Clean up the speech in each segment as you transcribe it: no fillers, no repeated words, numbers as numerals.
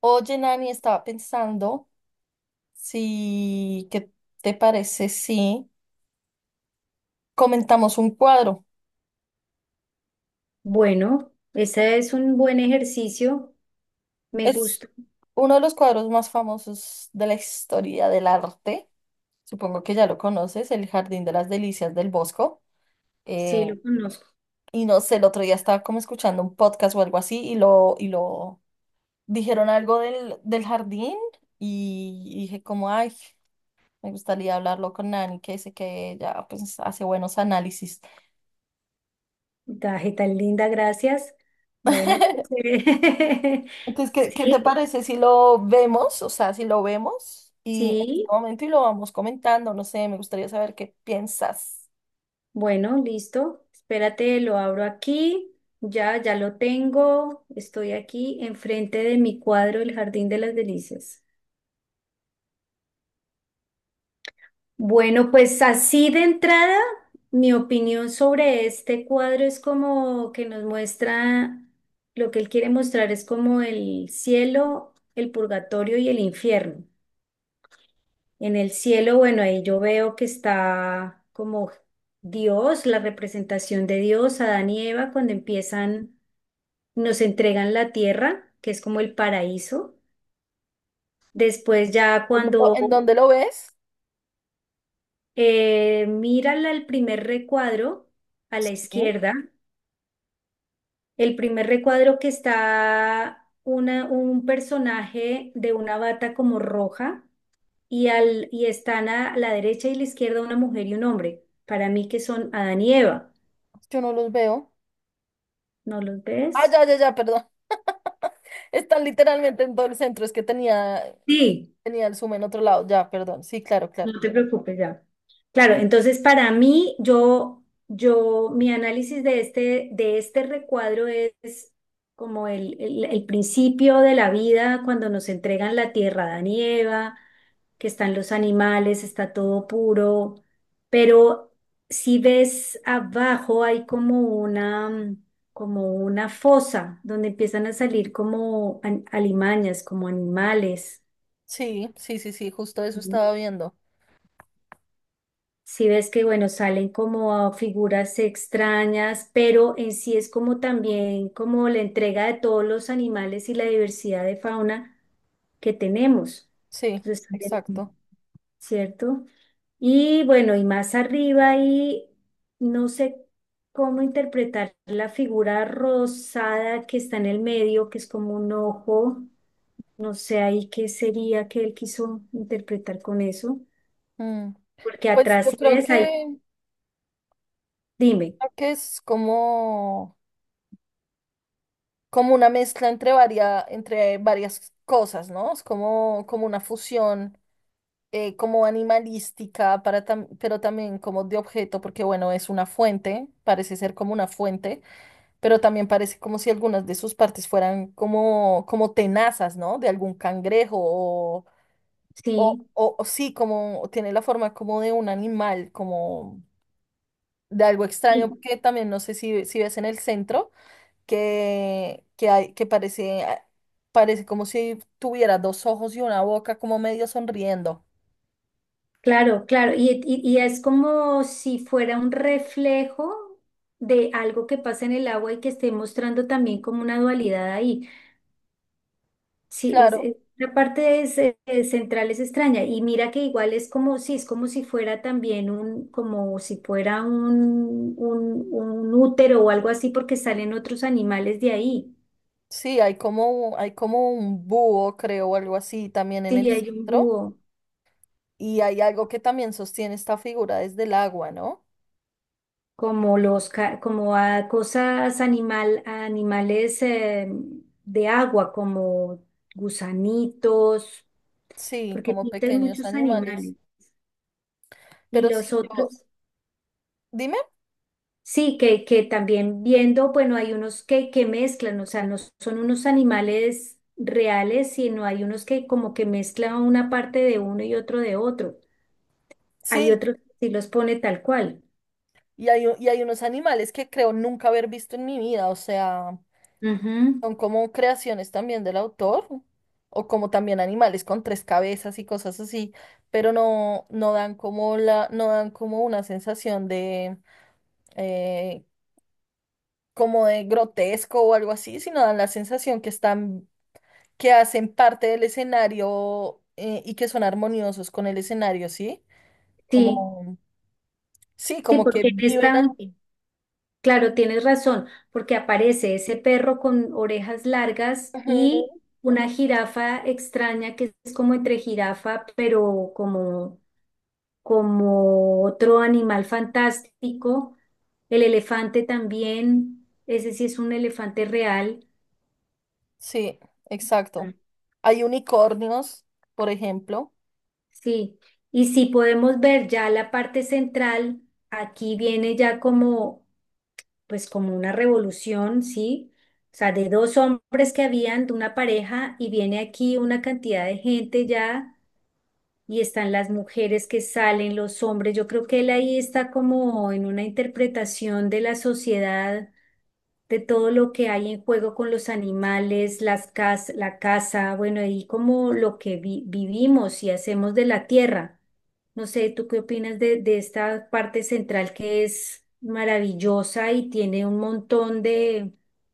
Oye, Nani, estaba pensando si, ¿qué te parece si comentamos un cuadro? Bueno, ese es un buen ejercicio. Me Es gusta. uno de los cuadros más famosos de la historia del arte. Supongo que ya lo conoces, El Jardín de las Delicias del Bosco. Sí, Eh, lo conozco. y no sé, el otro día estaba como escuchando un podcast o algo así y lo dijeron algo del jardín y dije como, ay, me gustaría hablarlo con Nani, que dice que ella pues hace buenos análisis. Daje tan linda, gracias. Bueno, pues, Entonces, ¿qué te sí, parece si lo vemos? O sea, si lo vemos y en este sí. momento y lo vamos comentando, no sé, me gustaría saber qué piensas. Bueno, listo. Espérate, lo abro aquí. Ya, ya lo tengo. Estoy aquí enfrente de mi cuadro, El Jardín de las Delicias. Bueno, pues así de entrada, mi opinión sobre este cuadro es como que nos muestra lo que él quiere mostrar es como el cielo, el purgatorio y el infierno. En el cielo, bueno, ahí yo veo que está como Dios, la representación de Dios, Adán y Eva, cuando empiezan, nos entregan la tierra, que es como el paraíso. Después ya ¿En dó- cuando en dónde lo ves? Mira el primer recuadro a la Sí, izquierda. El primer recuadro que está una, un personaje de una bata como roja y están a la derecha y la izquierda una mujer y un hombre. Para mí que son Adán y Eva. yo no los veo. ¿No los Ah, ves? ya, perdón. Están literalmente en todo el centro, es que tenía, Sí. tenía el zoom en otro lado, ya, perdón. Sí, claro, claro. No te preocupes ya. Claro, entonces para mí, yo, mi análisis de este recuadro es como el principio de la vida cuando nos entregan la tierra, Adán y Eva, que están los animales, está todo puro, pero si ves abajo hay como una, como una fosa donde empiezan a salir como alimañas, como animales. Sí, justo eso estaba viendo. Si ves que, bueno, salen como figuras extrañas, pero en sí es como también como la entrega de todos los animales y la diversidad de fauna que tenemos. Sí, Entonces, también, exacto. ¿cierto? Y bueno, y más arriba y no sé cómo interpretar la figura rosada que está en el medio, que es como un ojo. No sé ahí qué sería que él quiso interpretar con eso. Mm. Porque Pues atrás, yo si creo ves ahí, que, dime, Creo que es como como una mezcla entre, entre varias cosas, ¿no? Es como, como una fusión, como animalística, pero también como de objeto, porque bueno, es una fuente, parece ser como una fuente, pero también parece como si algunas de sus partes fueran como, como tenazas, ¿no? De algún cangrejo sí. O sí, como tiene la forma como de un animal, como de algo extraño, Sí, porque también no sé si, si ves en el centro que, hay, que parece, parece como si tuviera dos ojos y una boca como medio sonriendo. claro, claro, y es como si fuera un reflejo de algo que pasa en el agua y que esté mostrando también como una dualidad ahí. Sí, Claro. La parte es, central es extraña y mira que igual es como si fuera también un, como si fuera un útero o algo así porque salen otros animales de ahí. Sí, hay como un búho, creo, o algo así también en Sí, el hay un centro. búho. Y hay algo que también sostiene esta figura desde el agua, ¿no? Como los como a cosas animal a animales de agua como gusanitos, Sí, porque como pintan pequeños muchos animales. animales y Pero sí, los yo, otros dime, sí, que también viendo, bueno, hay unos que mezclan, o sea, no son unos animales reales, sino hay unos que como que mezclan una parte de uno y otro de otro. Hay sí. otros que sí los pone tal cual. Y hay unos animales que creo nunca haber visto en mi vida, o sea. Ujú. Son como creaciones también del autor, o como también animales con tres cabezas y cosas así, pero no dan como no dan como una sensación de eh, como de grotesco o algo así, sino dan la sensación que están, que hacen parte del escenario, y que son armoniosos con el escenario, ¿sí? Sí, Como, sí, sí como que porque viven están. ahí. Claro, tienes razón, porque aparece ese perro con orejas largas Ujú. y una jirafa extraña que es como entre jirafa, pero como, como otro animal fantástico. El elefante también, ese sí es un elefante real. Sí, exacto. Mm. Hay unicornios, por ejemplo. Sí. Y si podemos ver ya la parte central, aquí viene ya como, pues como una revolución, ¿sí? O sea, de dos hombres que habían, de una pareja, y viene aquí una cantidad de gente ya, y están las mujeres que salen, los hombres. Yo creo que él ahí está como en una interpretación de la sociedad, de todo lo que hay en juego con los animales, la casa, bueno, y como lo que vivimos y hacemos de la tierra. No sé, ¿tú qué opinas de esta parte central que es maravillosa y tiene un montón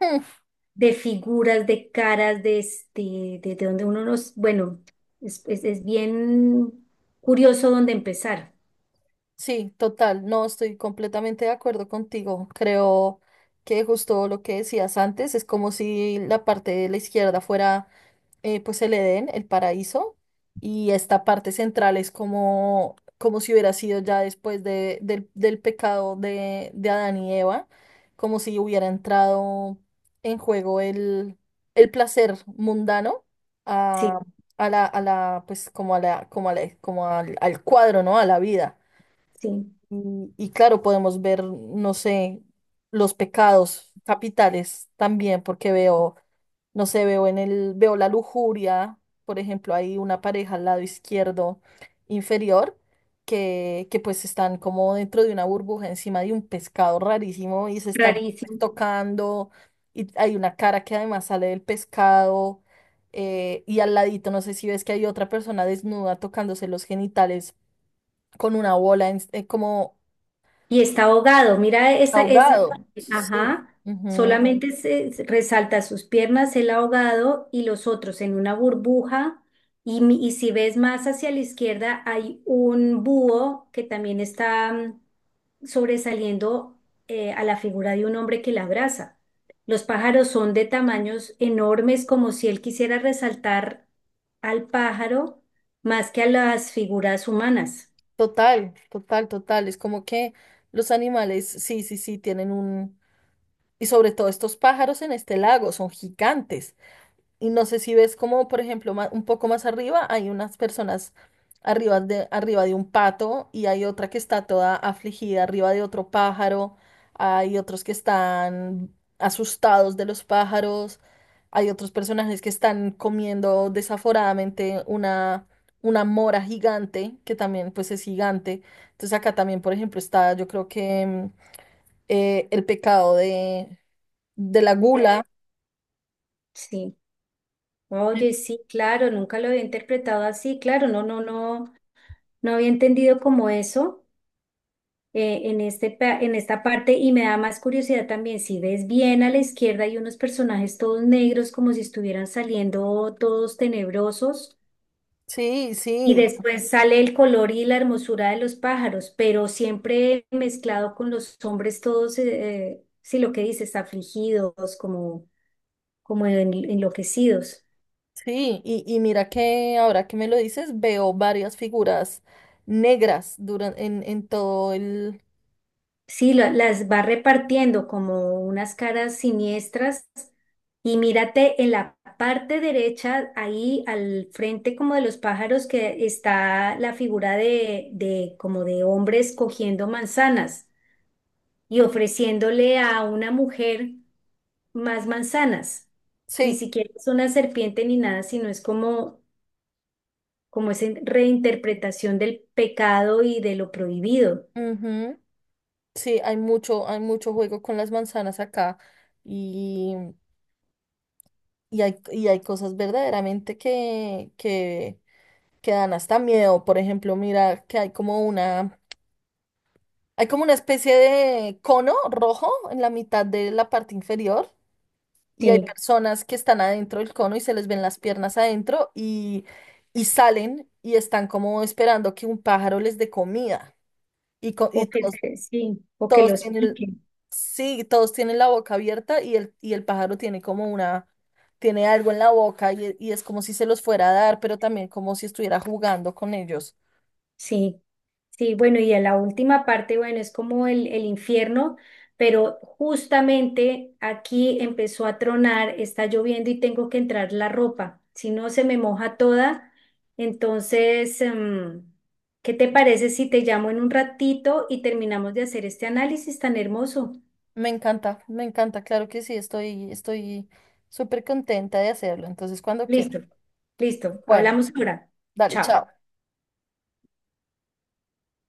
de figuras, de caras, de, este, de donde uno nos, bueno, es bien curioso dónde empezar. Sí, total, no estoy completamente de acuerdo contigo. Creo que justo lo que decías antes es como si la parte de la izquierda fuera pues el Edén, el paraíso, y esta parte central es como, como si hubiera sido ya después de, del pecado de Adán y Eva, como si hubiera entrado en juego el placer mundano a, Sí, a la, pues como a la, como al al cuadro, ¿no? A la vida. sí, Y claro, podemos ver, no sé, los pecados capitales también, porque veo, no sé, veo veo la lujuria, por ejemplo, hay una pareja al lado izquierdo inferior que pues están como dentro de una burbuja encima de un pescado rarísimo y se están pues, rarísimo. tocando y hay una cara que además sale del pescado, y al ladito, no sé si ves que hay otra persona desnuda tocándose los genitales con una bola como... Y está ahogado, mira esa, esa Ahogado, parte, sí. ajá, Ujú. solamente se resalta sus piernas, el ahogado y los otros en una burbuja. Y, y si ves más hacia la izquierda, hay un búho que también está, sobresaliendo a la figura de un hombre que la abraza. Los pájaros son de tamaños enormes, como si él quisiera resaltar al pájaro más que a las figuras humanas. Total, total, total. Es como que los animales, sí, tienen un... Y sobre todo estos pájaros en este lago son gigantes. Y no sé si ves como, por ejemplo, un poco más arriba hay unas personas arriba de un pato y hay otra que está toda afligida arriba de otro pájaro. Hay otros que están asustados de los pájaros. Hay otros personajes que están comiendo desaforadamente una mora gigante, que también pues es gigante. Entonces acá también, por ejemplo, está yo creo que el pecado de la Sí. gula. Sí. Oye, sí, claro, nunca lo había interpretado así, claro, no, no, no, no había entendido como eso en este, en esta parte, y me da más curiosidad también, si ves bien a la izquierda hay unos personajes todos negros como si estuvieran saliendo todos tenebrosos, Sí, y sí. después sale el color y la hermosura de los pájaros, pero siempre mezclado con los hombres todos, sí, lo que dices, afligidos, como, como enloquecidos. Sí, y mira que ahora que me lo dices, veo varias figuras negras duran en todo el... Sí, las va repartiendo como unas caras siniestras y mírate en la parte derecha, ahí al frente como de los pájaros, que está la figura de como de hombres cogiendo manzanas y ofreciéndole a una mujer más manzanas. Ni Sí, siquiera es una serpiente ni nada, sino es como, como esa reinterpretación del pecado y de lo prohibido. ujú. Sí, hay mucho juego con las manzanas acá y, y hay cosas verdaderamente que dan hasta miedo. Por ejemplo, mira que hay como una especie de cono rojo en la mitad de la parte inferior. Y hay Sí, personas que están adentro del cono y se les ven las piernas adentro y salen y están como esperando que un pájaro les dé comida. O Y que, todos, sí, o que todos los tienen, pique. sí, todos tienen la boca abierta y el pájaro tiene como una, tiene algo en la boca y es como si se los fuera a dar, pero también como si estuviera jugando con ellos. Sí, sí, bueno, y a la última parte, bueno, es como el infierno, pero justamente aquí empezó a tronar, está lloviendo y tengo que entrar la ropa, si no se me moja toda. Entonces, ¿qué te parece si te llamo en un ratito y terminamos de hacer este análisis tan hermoso? Me encanta, claro que sí, estoy, estoy súper contenta de hacerlo. Entonces, cuando quieras. Listo, listo, Bueno, hablamos ahora. dale, Chao. chao.